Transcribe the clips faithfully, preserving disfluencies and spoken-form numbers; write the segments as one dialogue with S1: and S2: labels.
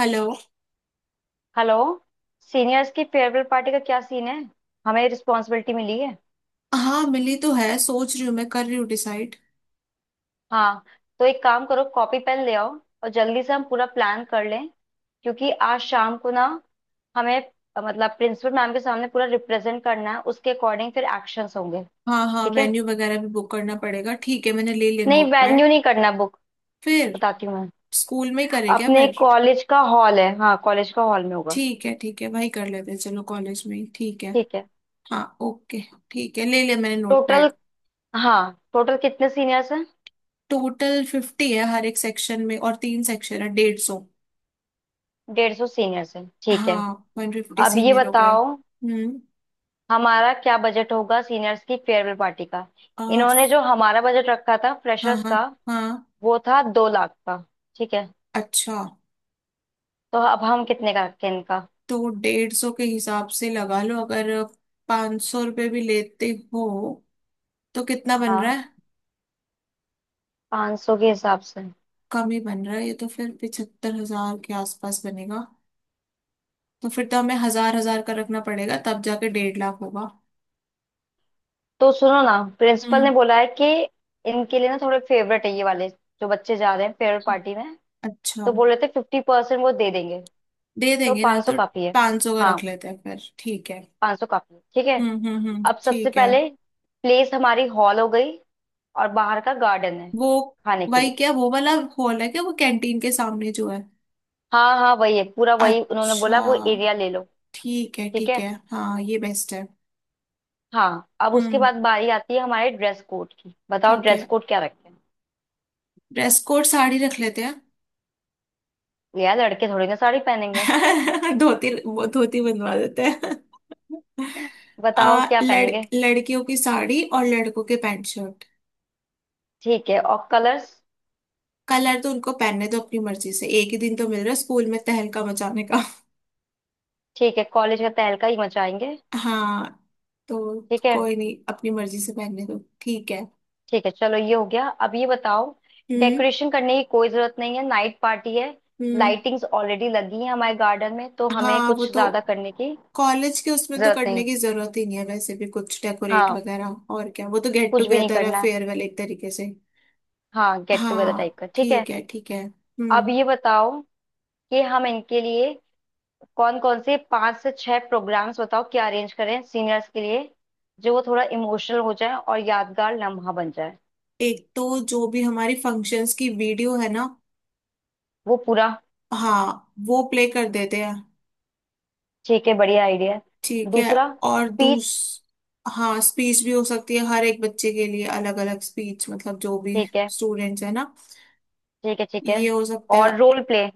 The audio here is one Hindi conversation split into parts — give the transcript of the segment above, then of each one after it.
S1: हेलो।
S2: हेलो। सीनियर्स की फेयरवेल पार्टी का क्या सीन है? हमें रिस्पॉन्सिबिलिटी मिली है।
S1: हाँ मिली तो है, सोच रही हूँ, मैं कर रही हूँ डिसाइड।
S2: हाँ, तो एक काम करो, कॉपी पेन ले आओ और जल्दी से हम पूरा प्लान कर लें, क्योंकि आज शाम को ना हमें अ, मतलब प्रिंसिपल मैम के सामने पूरा रिप्रेजेंट करना है, उसके अकॉर्डिंग फिर एक्शंस होंगे।
S1: हाँ हाँ
S2: ठीक है।
S1: वेन्यू वगैरह भी बुक करना पड़ेगा। ठीक है, मैंने ले लिया
S2: नहीं, वेन्यू
S1: नोटपैड।
S2: नहीं करना बुक।
S1: फिर।
S2: बताती हूँ मैं।
S1: स्कूल में ही करें क्या
S2: अपने
S1: फिर।
S2: कॉलेज का हॉल है, हाँ कॉलेज का हॉल में होगा।
S1: ठीक है ठीक है, वही कर लेते हैं, चलो कॉलेज में ही, ठीक है।
S2: ठीक है।
S1: हाँ, ओके। ठीक है, ले लिया मैंने
S2: टोटल,
S1: नोटपैड।
S2: हाँ टोटल कितने सीनियर्स हैं?
S1: टोटल फिफ्टी है हर एक सेक्शन में, और तीन सेक्शन है, डेढ़ सौ।
S2: डेढ़ सौ सीनियर्स हैं? ठीक है।
S1: हाँ। वन फिफ्टी
S2: अब ये
S1: सीनियर हो गए।
S2: बताओ,
S1: हम्म।
S2: हमारा क्या बजट होगा सीनियर्स की फेयरवेल पार्टी का?
S1: आ,
S2: इन्होंने जो हमारा बजट रखा था
S1: हाँ
S2: फ्रेशर्स
S1: हाँ।
S2: का,
S1: हाँ।
S2: वो था दो लाख का। ठीक है।
S1: अच्छा।
S2: तो अब हम कितने का रखें इनका?
S1: तो डेढ़ सौ के हिसाब से लगा लो, अगर पाँच सौ रुपये भी लेते हो तो कितना बन रहा
S2: हाँ,
S1: है।
S2: पाँच सौ के हिसाब से।
S1: कम ही बन रहा है ये तो, फिर पिछहत्तर हजार के आसपास बनेगा। तो फिर तो हमें हजार हजार का रखना पड़ेगा, तब जाके डेढ़ लाख होगा।
S2: तो सुनो ना, प्रिंसिपल
S1: हम्म।
S2: ने बोला है कि इनके लिए ना थोड़े फेवरेट है ये वाले जो बच्चे जा रहे हैं फेयरवेल पार्टी में,
S1: अच्छा।
S2: तो बोल रहे थे फिफ्टी परसेंट वो दे देंगे,
S1: दे
S2: तो
S1: देंगे ना
S2: पाँच सौ
S1: तो।
S2: काफी है।
S1: पाँच सौ का
S2: हाँ,
S1: रख लेते हैं फिर, ठीक है।
S2: पाँच सौ काफी है। ठीक है।
S1: हम्म हम्म हम्म,
S2: अब सबसे
S1: ठीक है।
S2: पहले प्लेस हमारी हॉल हो गई और बाहर का गार्डन है
S1: वो
S2: खाने के
S1: भाई,
S2: लिए।
S1: क्या वो वाला हॉल है क्या, वो कैंटीन के सामने जो है।
S2: हाँ हाँ वही है, पूरा वही उन्होंने
S1: अच्छा।
S2: बोला, वो एरिया ले लो।
S1: ठीक है
S2: ठीक
S1: ठीक
S2: है।
S1: है, हाँ ये बेस्ट है।
S2: हाँ, अब उसके
S1: हम्म।
S2: बाद बारी आती है हमारे ड्रेस कोड की। बताओ
S1: ठीक
S2: ड्रेस
S1: है।
S2: कोड क्या रखें?
S1: ड्रेस कोड साड़ी रख लेते हैं।
S2: यार लड़के थोड़ी ना साड़ी पहनेंगे।
S1: धोती, वो धोती बनवा देते हैं।
S2: बताओ
S1: आ,
S2: क्या
S1: लड़,
S2: पहनेंगे?
S1: लड़कियों की साड़ी और लड़कों के पैंट शर्ट।
S2: ठीक है, और कलर्स?
S1: कलर तो उनको पहनने दो अपनी मर्जी से, एक ही दिन तो मिल रहा है स्कूल में तहलका मचाने का।
S2: ठीक है, कॉलेज का तहलका ही मचाएंगे।
S1: हाँ। तो
S2: ठीक है।
S1: कोई नहीं, अपनी मर्जी से पहनने दो ठीक है।
S2: ठीक है, चलो ये हो गया। अब ये बताओ,
S1: हम्म।
S2: डेकोरेशन करने की कोई जरूरत नहीं है, नाइट पार्टी है।
S1: हम्म।
S2: लाइटिंग्स ऑलरेडी लगी है हमारे गार्डन में, तो हमें
S1: हाँ वो
S2: कुछ
S1: तो
S2: ज्यादा करने की
S1: कॉलेज के उसमें तो
S2: जरूरत नहीं
S1: करने
S2: है।
S1: की जरूरत ही नहीं है, वैसे भी कुछ डेकोरेट
S2: हाँ,
S1: वगैरह, और क्या, वो तो गेट
S2: कुछ भी नहीं
S1: टुगेदर है
S2: करना है।
S1: फेयरवेल एक तरीके से।
S2: हाँ, गेट टुगेदर टाइप
S1: हाँ
S2: का ठीक है।
S1: ठीक है ठीक है,
S2: अब
S1: हम्म।
S2: ये बताओ कि हम इनके लिए कौन कौन से पांच से छह प्रोग्राम्स, बताओ क्या अरेंज करें सीनियर्स के लिए, जो वो थोड़ा इमोशनल हो जाए और यादगार लम्हा बन जाए?
S1: एक तो जो भी हमारी फंक्शंस की वीडियो है ना।
S2: वो पूरा।
S1: हाँ वो प्ले कर देते हैं।
S2: ठीक है, बढ़िया आइडिया है
S1: ठीक है।
S2: दूसरा
S1: और
S2: स्पीच।
S1: दूस हाँ स्पीच भी हो सकती है, हर एक बच्चे के लिए अलग अलग स्पीच, मतलब जो भी
S2: ठीक है।
S1: स्टूडेंट्स है ना।
S2: ठीक है। ठीक है।
S1: ये हो सकता है।
S2: और role play.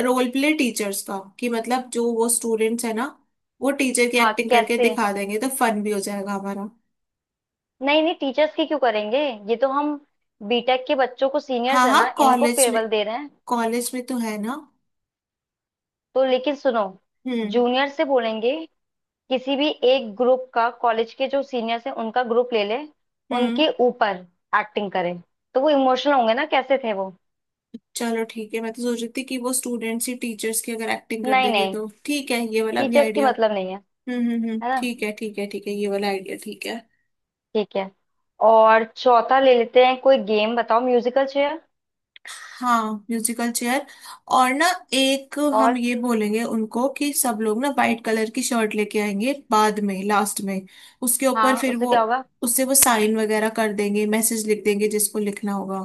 S1: Role play teachers का, कि मतलब जो वो स्टूडेंट्स है ना, वो टीचर की
S2: हाँ
S1: एक्टिंग करके
S2: कैसे?
S1: दिखा देंगे तो फन भी हो जाएगा हमारा।
S2: नहीं नहीं, टीचर्स की क्यों करेंगे? ये तो हम बीटेक के बच्चों को,
S1: हाँ
S2: सीनियर्स है
S1: हाँ
S2: ना इनको,
S1: कॉलेज में।
S2: फेयरवेल दे रहे हैं।
S1: कॉलेज में तो है ना।
S2: तो लेकिन सुनो,
S1: हम्म।
S2: जूनियर से बोलेंगे किसी भी एक ग्रुप का, कॉलेज के जो सीनियर्स हैं उनका ग्रुप ले ले,
S1: हम्म।
S2: उनके ऊपर एक्टिंग करे तो वो इमोशनल होंगे ना, कैसे थे वो।
S1: चलो ठीक है, मैं तो सोच रही थी कि वो स्टूडेंट्स ही टीचर्स की अगर एक्टिंग कर
S2: नहीं
S1: देंगे
S2: नहीं,
S1: तो, ठीक है, ये वाला भी
S2: टीचर्स की
S1: आइडिया।
S2: मतलब नहीं है।
S1: हम्म हम्म हम्म,
S2: है ना?
S1: ठीक है ठीक है ठीक है, ये वाला आइडिया ठीक है।
S2: ठीक है। और चौथा ले लेते हैं कोई गेम, बताओ। Musical chair.
S1: हाँ। Musical chair. और ना एक हम
S2: और?
S1: ये बोलेंगे उनको कि सब लोग ना वाइट कलर की शर्ट लेके आएंगे, बाद में लास्ट में उसके ऊपर
S2: हाँ
S1: फिर
S2: उससे
S1: वो,
S2: क्या होगा?
S1: उससे वो साइन वगैरह कर देंगे, मैसेज लिख देंगे जिसको लिखना होगा।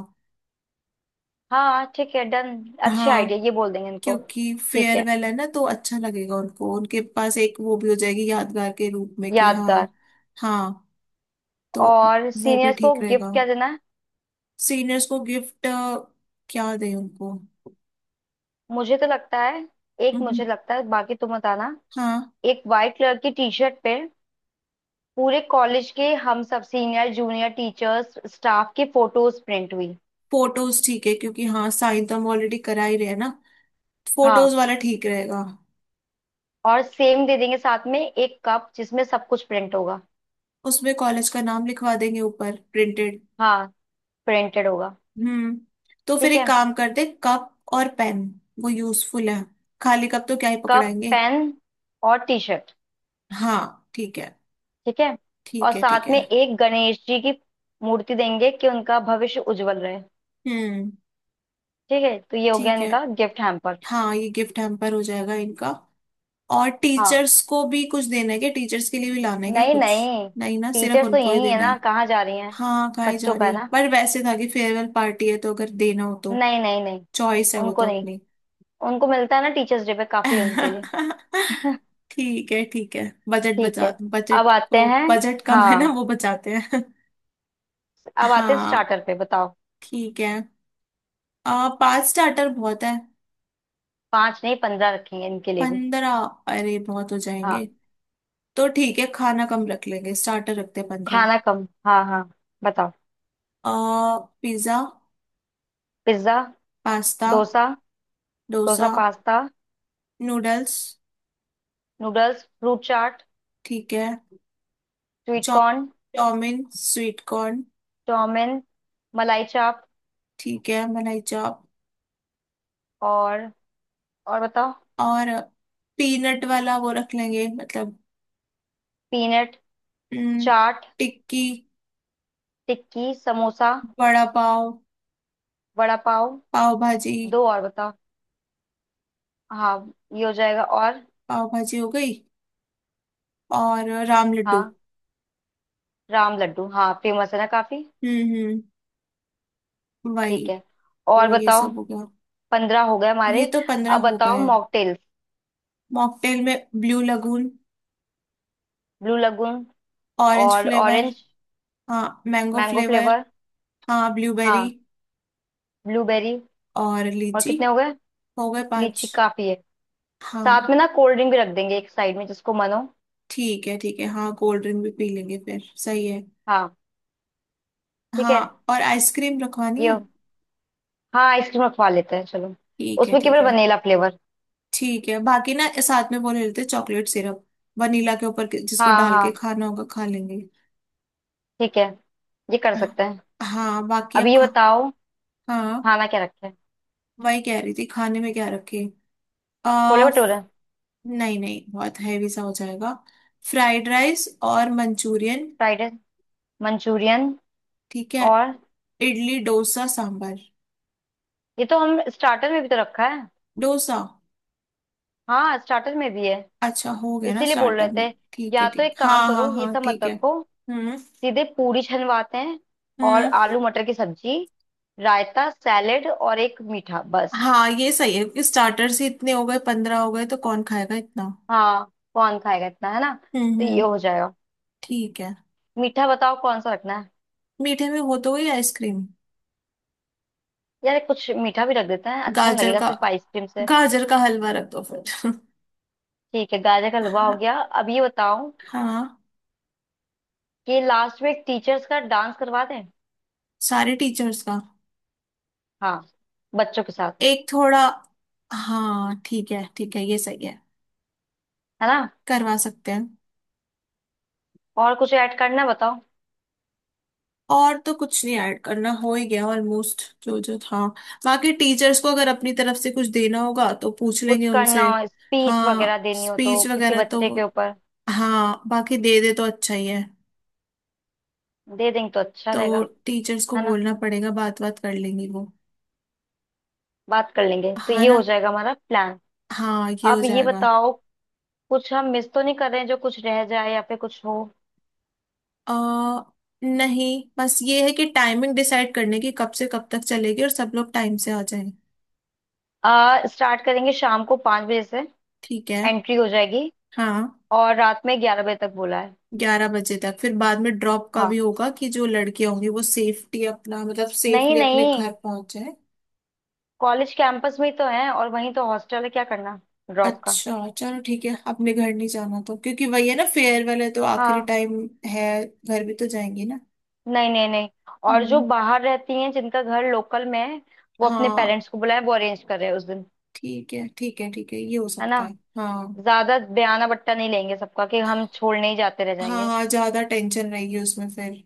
S2: हाँ ठीक है डन। अच्छे आइडिया,
S1: हाँ।
S2: ये बोल देंगे इनको।
S1: क्योंकि
S2: ठीक है।
S1: फेयरवेल है ना तो अच्छा लगेगा उनको, उनके पास एक वो भी हो जाएगी यादगार के रूप में, कि हाँ।
S2: यादगार।
S1: हाँ। तो
S2: और
S1: वो भी
S2: सीनियर्स को
S1: ठीक
S2: गिफ्ट
S1: रहेगा।
S2: क्या देना है?
S1: सीनियर्स को गिफ्ट, क्या दें उनको।
S2: मुझे तो लगता है, एक
S1: हम्म।
S2: मुझे लगता है, बाकी तुम बताना।
S1: हाँ।
S2: एक वाइट कलर की टी शर्ट पे पूरे कॉलेज के हम सब सीनियर जूनियर टीचर्स स्टाफ की फोटोज प्रिंट हुई।
S1: फोटोज ठीक है, क्योंकि हाँ साइन तो हम ऑलरेडी करा ही रहे हैं ना। फोटोज
S2: हाँ,
S1: वाला ठीक रहेगा।
S2: और सेम दे देंगे साथ में एक कप, जिसमें सब कुछ प्रिंट होगा।
S1: उसमें कॉलेज का नाम लिखवा देंगे ऊपर, प्रिंटेड।
S2: हाँ, प्रिंटेड होगा।
S1: हम्म। तो फिर
S2: ठीक
S1: एक
S2: है।
S1: काम करते, कप और पेन। वो यूजफुल है, खाली कप तो क्या ही
S2: कप
S1: पकड़ाएंगे।
S2: पेन और टी शर्ट।
S1: हाँ ठीक है।
S2: ठीक है। और
S1: ठीक है ठीक
S2: साथ में
S1: है।
S2: एक गणेश जी की मूर्ति देंगे कि उनका भविष्य उज्जवल रहे।
S1: हम्म।
S2: ठीक है, तो ये हो गया
S1: ठीक है।
S2: इनका गिफ्ट हैम्पर।
S1: हाँ, ये गिफ्ट हैम्पर हो जाएगा इनका। और
S2: हाँ।
S1: टीचर्स को भी कुछ देना है क्या, टीचर्स के लिए भी लाना है क्या
S2: नहीं
S1: कुछ।
S2: नहीं,
S1: नहीं ना, सिर्फ
S2: टीचर्स तो
S1: उनको ही
S2: यही है
S1: देना
S2: ना,
S1: है।
S2: कहाँ जा रही हैं?
S1: हाँ खाई जा
S2: बच्चों का
S1: रही
S2: है
S1: है,
S2: ना?
S1: पर वैसे था कि फेयरवेल पार्टी है तो अगर देना हो तो।
S2: नहीं नहीं नहीं,
S1: चॉइस है वो
S2: उनको
S1: तो
S2: नहीं।
S1: अपनी।
S2: उनको मिलता है ना टीचर्स डे पे काफी उनके लिए।
S1: ठीक है ठीक है। बजट
S2: ठीक
S1: बचा,
S2: है। अब
S1: बजट,
S2: आते
S1: वो
S2: हैं,
S1: बजट कम है ना
S2: हाँ
S1: वो बचाते हैं।
S2: अब आते हैं
S1: हाँ।
S2: स्टार्टर पे। बताओ।
S1: ठीक है। आ, पांच स्टार्टर बहुत है।
S2: पांच नहीं, पंद्रह रखेंगे इनके लिए भी।
S1: पंद्रह, अरे बहुत हो जाएंगे।
S2: हाँ
S1: तो ठीक है, खाना कम रख लेंगे, स्टार्टर रखते हैं पंद्रह।
S2: खाना कम, हाँ हाँ। बताओ।
S1: आ pizza.
S2: Pizza.
S1: Pasta.
S2: Dosa. Dosa
S1: dosa.
S2: Pasta.
S1: Noodles.
S2: Noodles fruit chaat.
S1: ठीक है।
S2: Sweet
S1: chow
S2: corn.
S1: Chowmein, sweet corn.
S2: Chowmein. Malai chaap.
S1: ठीक है, मलाई चाप।
S2: और? और बताओ।
S1: और पीनट वाला वो रख लेंगे, मतलब।
S2: पीनट।
S1: हम्म।
S2: चाट।
S1: टिक्की।
S2: टिक्की समोसा।
S1: बड़ा पाव।
S2: वड़ा पाव।
S1: पाव भाजी।
S2: दो और बताओ, हाँ ये हो जाएगा। और?
S1: पाव भाजी हो गई। और राम लड्डू।
S2: हाँ राम लड्डू। हाँ, फेमस है ना काफी।
S1: हम्म हम्म। वही।
S2: ठीक है। और
S1: तो ये
S2: बताओ।
S1: सब हो गया।
S2: पंद्रह हो गए
S1: ये
S2: हमारे।
S1: तो पंद्रह
S2: अब
S1: हो
S2: बताओ
S1: गए।
S2: मॉकटेल्स।
S1: मॉकटेल में blue lagoon.
S2: Blue lagoon.
S1: Orange
S2: और
S1: फ्लेवर।
S2: ऑरेंज।
S1: हाँ, मैंगो
S2: मैंगो
S1: फ्लेवर।
S2: फ्लेवर।
S1: हाँ, ब्लूबेरी।
S2: हाँ, ब्लूबेरी।
S1: और
S2: और
S1: लीची।
S2: कितने हो गए?
S1: हो गए पांच।
S2: लीची काफी है।
S1: हाँ
S2: साथ में ना कोल्ड ड्रिंक भी रख देंगे एक साइड में, जिसको मन हो।
S1: ठीक है ठीक है, हाँ कोल्ड ड्रिंक भी पी लेंगे फिर, सही है।
S2: हाँ। ठीक है।
S1: हाँ, और आइसक्रीम रखवानी
S2: ये
S1: है।
S2: हो- हाँ आइसक्रीम रखवा लेते हैं, चलो।
S1: ठीक है
S2: उसमें
S1: ठीक
S2: केवल
S1: है
S2: वनीला फ्लेवर।
S1: ठीक है, बाकी ना साथ में वो ले लेते चॉकलेट सिरप, वनीला के ऊपर के- जिसको
S2: हाँ
S1: डाल के
S2: हाँ।
S1: खाना होगा खा लेंगे।
S2: ठीक है, ये कर सकते हैं।
S1: हाँ बाकी
S2: अब
S1: अब
S2: ये
S1: खा।
S2: बताओ,
S1: हाँ
S2: खाना क्या रखें?
S1: वही कह रही थी खाने में क्या रखे। आ
S2: छोले भटूरे।
S1: नहीं नहीं, बहुत हैवी सा हो जाएगा। फ्राइड राइस और मंचूरियन।
S2: Fried rice Manchurian.
S1: ठीक है,
S2: और?
S1: इडली डोसा सांभर।
S2: ये तो हम स्टार्टर में भी तो रखा है।
S1: डोसा।
S2: हाँ, स्टार्टर में भी है।
S1: अच्छा हो गया ना
S2: इसीलिए बोल रहे
S1: स्टार्टर
S2: थे,
S1: में, ठीक
S2: या
S1: है
S2: तो
S1: ठीक,
S2: एक काम
S1: हाँ हाँ
S2: करो, ये
S1: हाँ
S2: सब मत
S1: ठीक है।
S2: रखो।
S1: हम्म
S2: सीधे पूरी छनवाते हैं और
S1: हम्म।
S2: आलू मटर की सब्जी, रायता सैलेड और एक मीठा बस।
S1: हाँ ये सही है, क्योंकि स्टार्टर से इतने हो गए, पंद्रह हो गए तो कौन खाएगा इतना।
S2: हाँ, कौन खाएगा इतना, है ना?
S1: हम्म
S2: तो ये
S1: हम्म।
S2: हो जाएगा।
S1: ठीक है।
S2: मीठा बताओ कौन सा रखना है?
S1: मीठे में हो तो गई आइसक्रीम।
S2: यार कुछ मीठा भी रख देते हैं, अच्छा नहीं
S1: गाजर
S2: लगेगा
S1: का,
S2: सिर्फ आइसक्रीम से।
S1: गाजर का हलवा रख दो फिर।
S2: ठीक है, गाजर का हलवा हो
S1: हाँ।
S2: गया। अब ये बताओ
S1: हाँ,
S2: कि लास्ट में एक टीचर्स का डांस करवा दें?
S1: सारे टीचर्स का।
S2: हाँ, बच्चों के साथ।
S1: एक थोड़ा, हाँ ठीक है ठीक है ये सही है।
S2: है ना?
S1: करवा सकते हैं।
S2: और कुछ ऐड करना है, बताओ?
S1: और तो कुछ नहीं ऐड करना, हो ही गया ऑलमोस्ट जो जो था। बाकी टीचर्स को अगर अपनी तरफ से कुछ देना होगा तो पूछ
S2: कुछ
S1: लेंगे
S2: करना
S1: उनसे।
S2: हो, स्पीच वगैरह
S1: हाँ
S2: देनी हो तो
S1: स्पीच
S2: किसी
S1: वगैरह तो,
S2: बच्चे के ऊपर।
S1: हाँ बाकी दे दे तो अच्छा ही है।
S2: दे देंगे तो अच्छा
S1: तो
S2: रहेगा।
S1: टीचर्स को
S2: है ना?
S1: बोलना पड़ेगा, बात बात कर लेंगी वो।
S2: बात कर लेंगे, तो
S1: हाँ
S2: ये हो
S1: ना।
S2: जाएगा हमारा प्लान।
S1: हाँ, ये हो
S2: अब ये
S1: जाएगा।
S2: बताओ, कुछ हम मिस तो नहीं कर रहे हैं जो कुछ रह जाए या फिर कुछ हो?
S1: आ, नहीं, बस ये है कि टाइमिंग डिसाइड करने की, कब से कब तक चलेगी और सब लोग टाइम से आ जाएं।
S2: आ स्टार्ट करेंगे शाम को पाँच बजे से।
S1: ठीक है।
S2: एंट्री हो जाएगी।
S1: हाँ।
S2: और रात में ग्यारह बजे तक बोला है।
S1: ग्यारह बजे तक, फिर बाद में ड्रॉप का भी
S2: हाँ,
S1: होगा कि जो लड़कियां होंगी वो सेफ्टी अपना, मतलब
S2: नहीं
S1: सेफली अपने
S2: नहीं,
S1: घर पहुंच जाए।
S2: कॉलेज कैंपस में ही तो है और वहीं तो हॉस्टल है, क्या करना ड्रॉप का?
S1: अच्छा चलो ठीक है, अपने घर नहीं जाना तो, क्योंकि वही है ना, फेयरवेल है तो आखिरी
S2: हाँ।
S1: टाइम है, घर भी तो जाएंगे ना।
S2: नहीं नहीं नहीं। और जो
S1: हम्म।
S2: बाहर रहती हैं जिनका घर लोकल में है, वो अपने
S1: हाँ
S2: पेरेंट्स को बुलाए, वो अरेंज कर रहे हैं उस दिन।
S1: ठीक है ठीक है ठीक है, ये हो
S2: है ना?
S1: सकता है। हाँ।
S2: ज्यादा बयाना बट्टा नहीं लेंगे सबका, कि हम छोड़ने ही जाते रह
S1: हाँ
S2: जाएंगे।
S1: हाँ, ज्यादा टेंशन रहेगी उसमें फिर।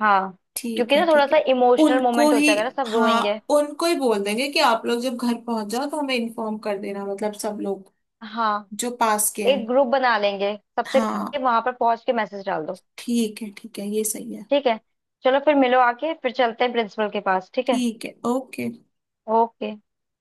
S2: हाँ,
S1: ठीक
S2: क्योंकि
S1: है
S2: ना थोड़ा
S1: ठीक है।
S2: सा इमोशनल
S1: उनको
S2: मोमेंट हो
S1: ही,
S2: जाएगा ना, सब
S1: हाँ
S2: रोएंगे।
S1: उनको ही बोल देंगे कि आप लोग जब घर पहुंच जाओ तो हमें इन्फॉर्म कर देना, मतलब सब लोग
S2: हाँ,
S1: जो पास के हैं।
S2: एक ग्रुप बना लेंगे सबसे,
S1: हाँ।
S2: वहां पर पहुंच के मैसेज डाल दो।
S1: ठीक है ठीक है, ये सही है।
S2: ठीक है, चलो फिर मिलो आके फिर चलते हैं प्रिंसिपल के पास, ठीक है?
S1: ठीक है, ओके।
S2: ओके।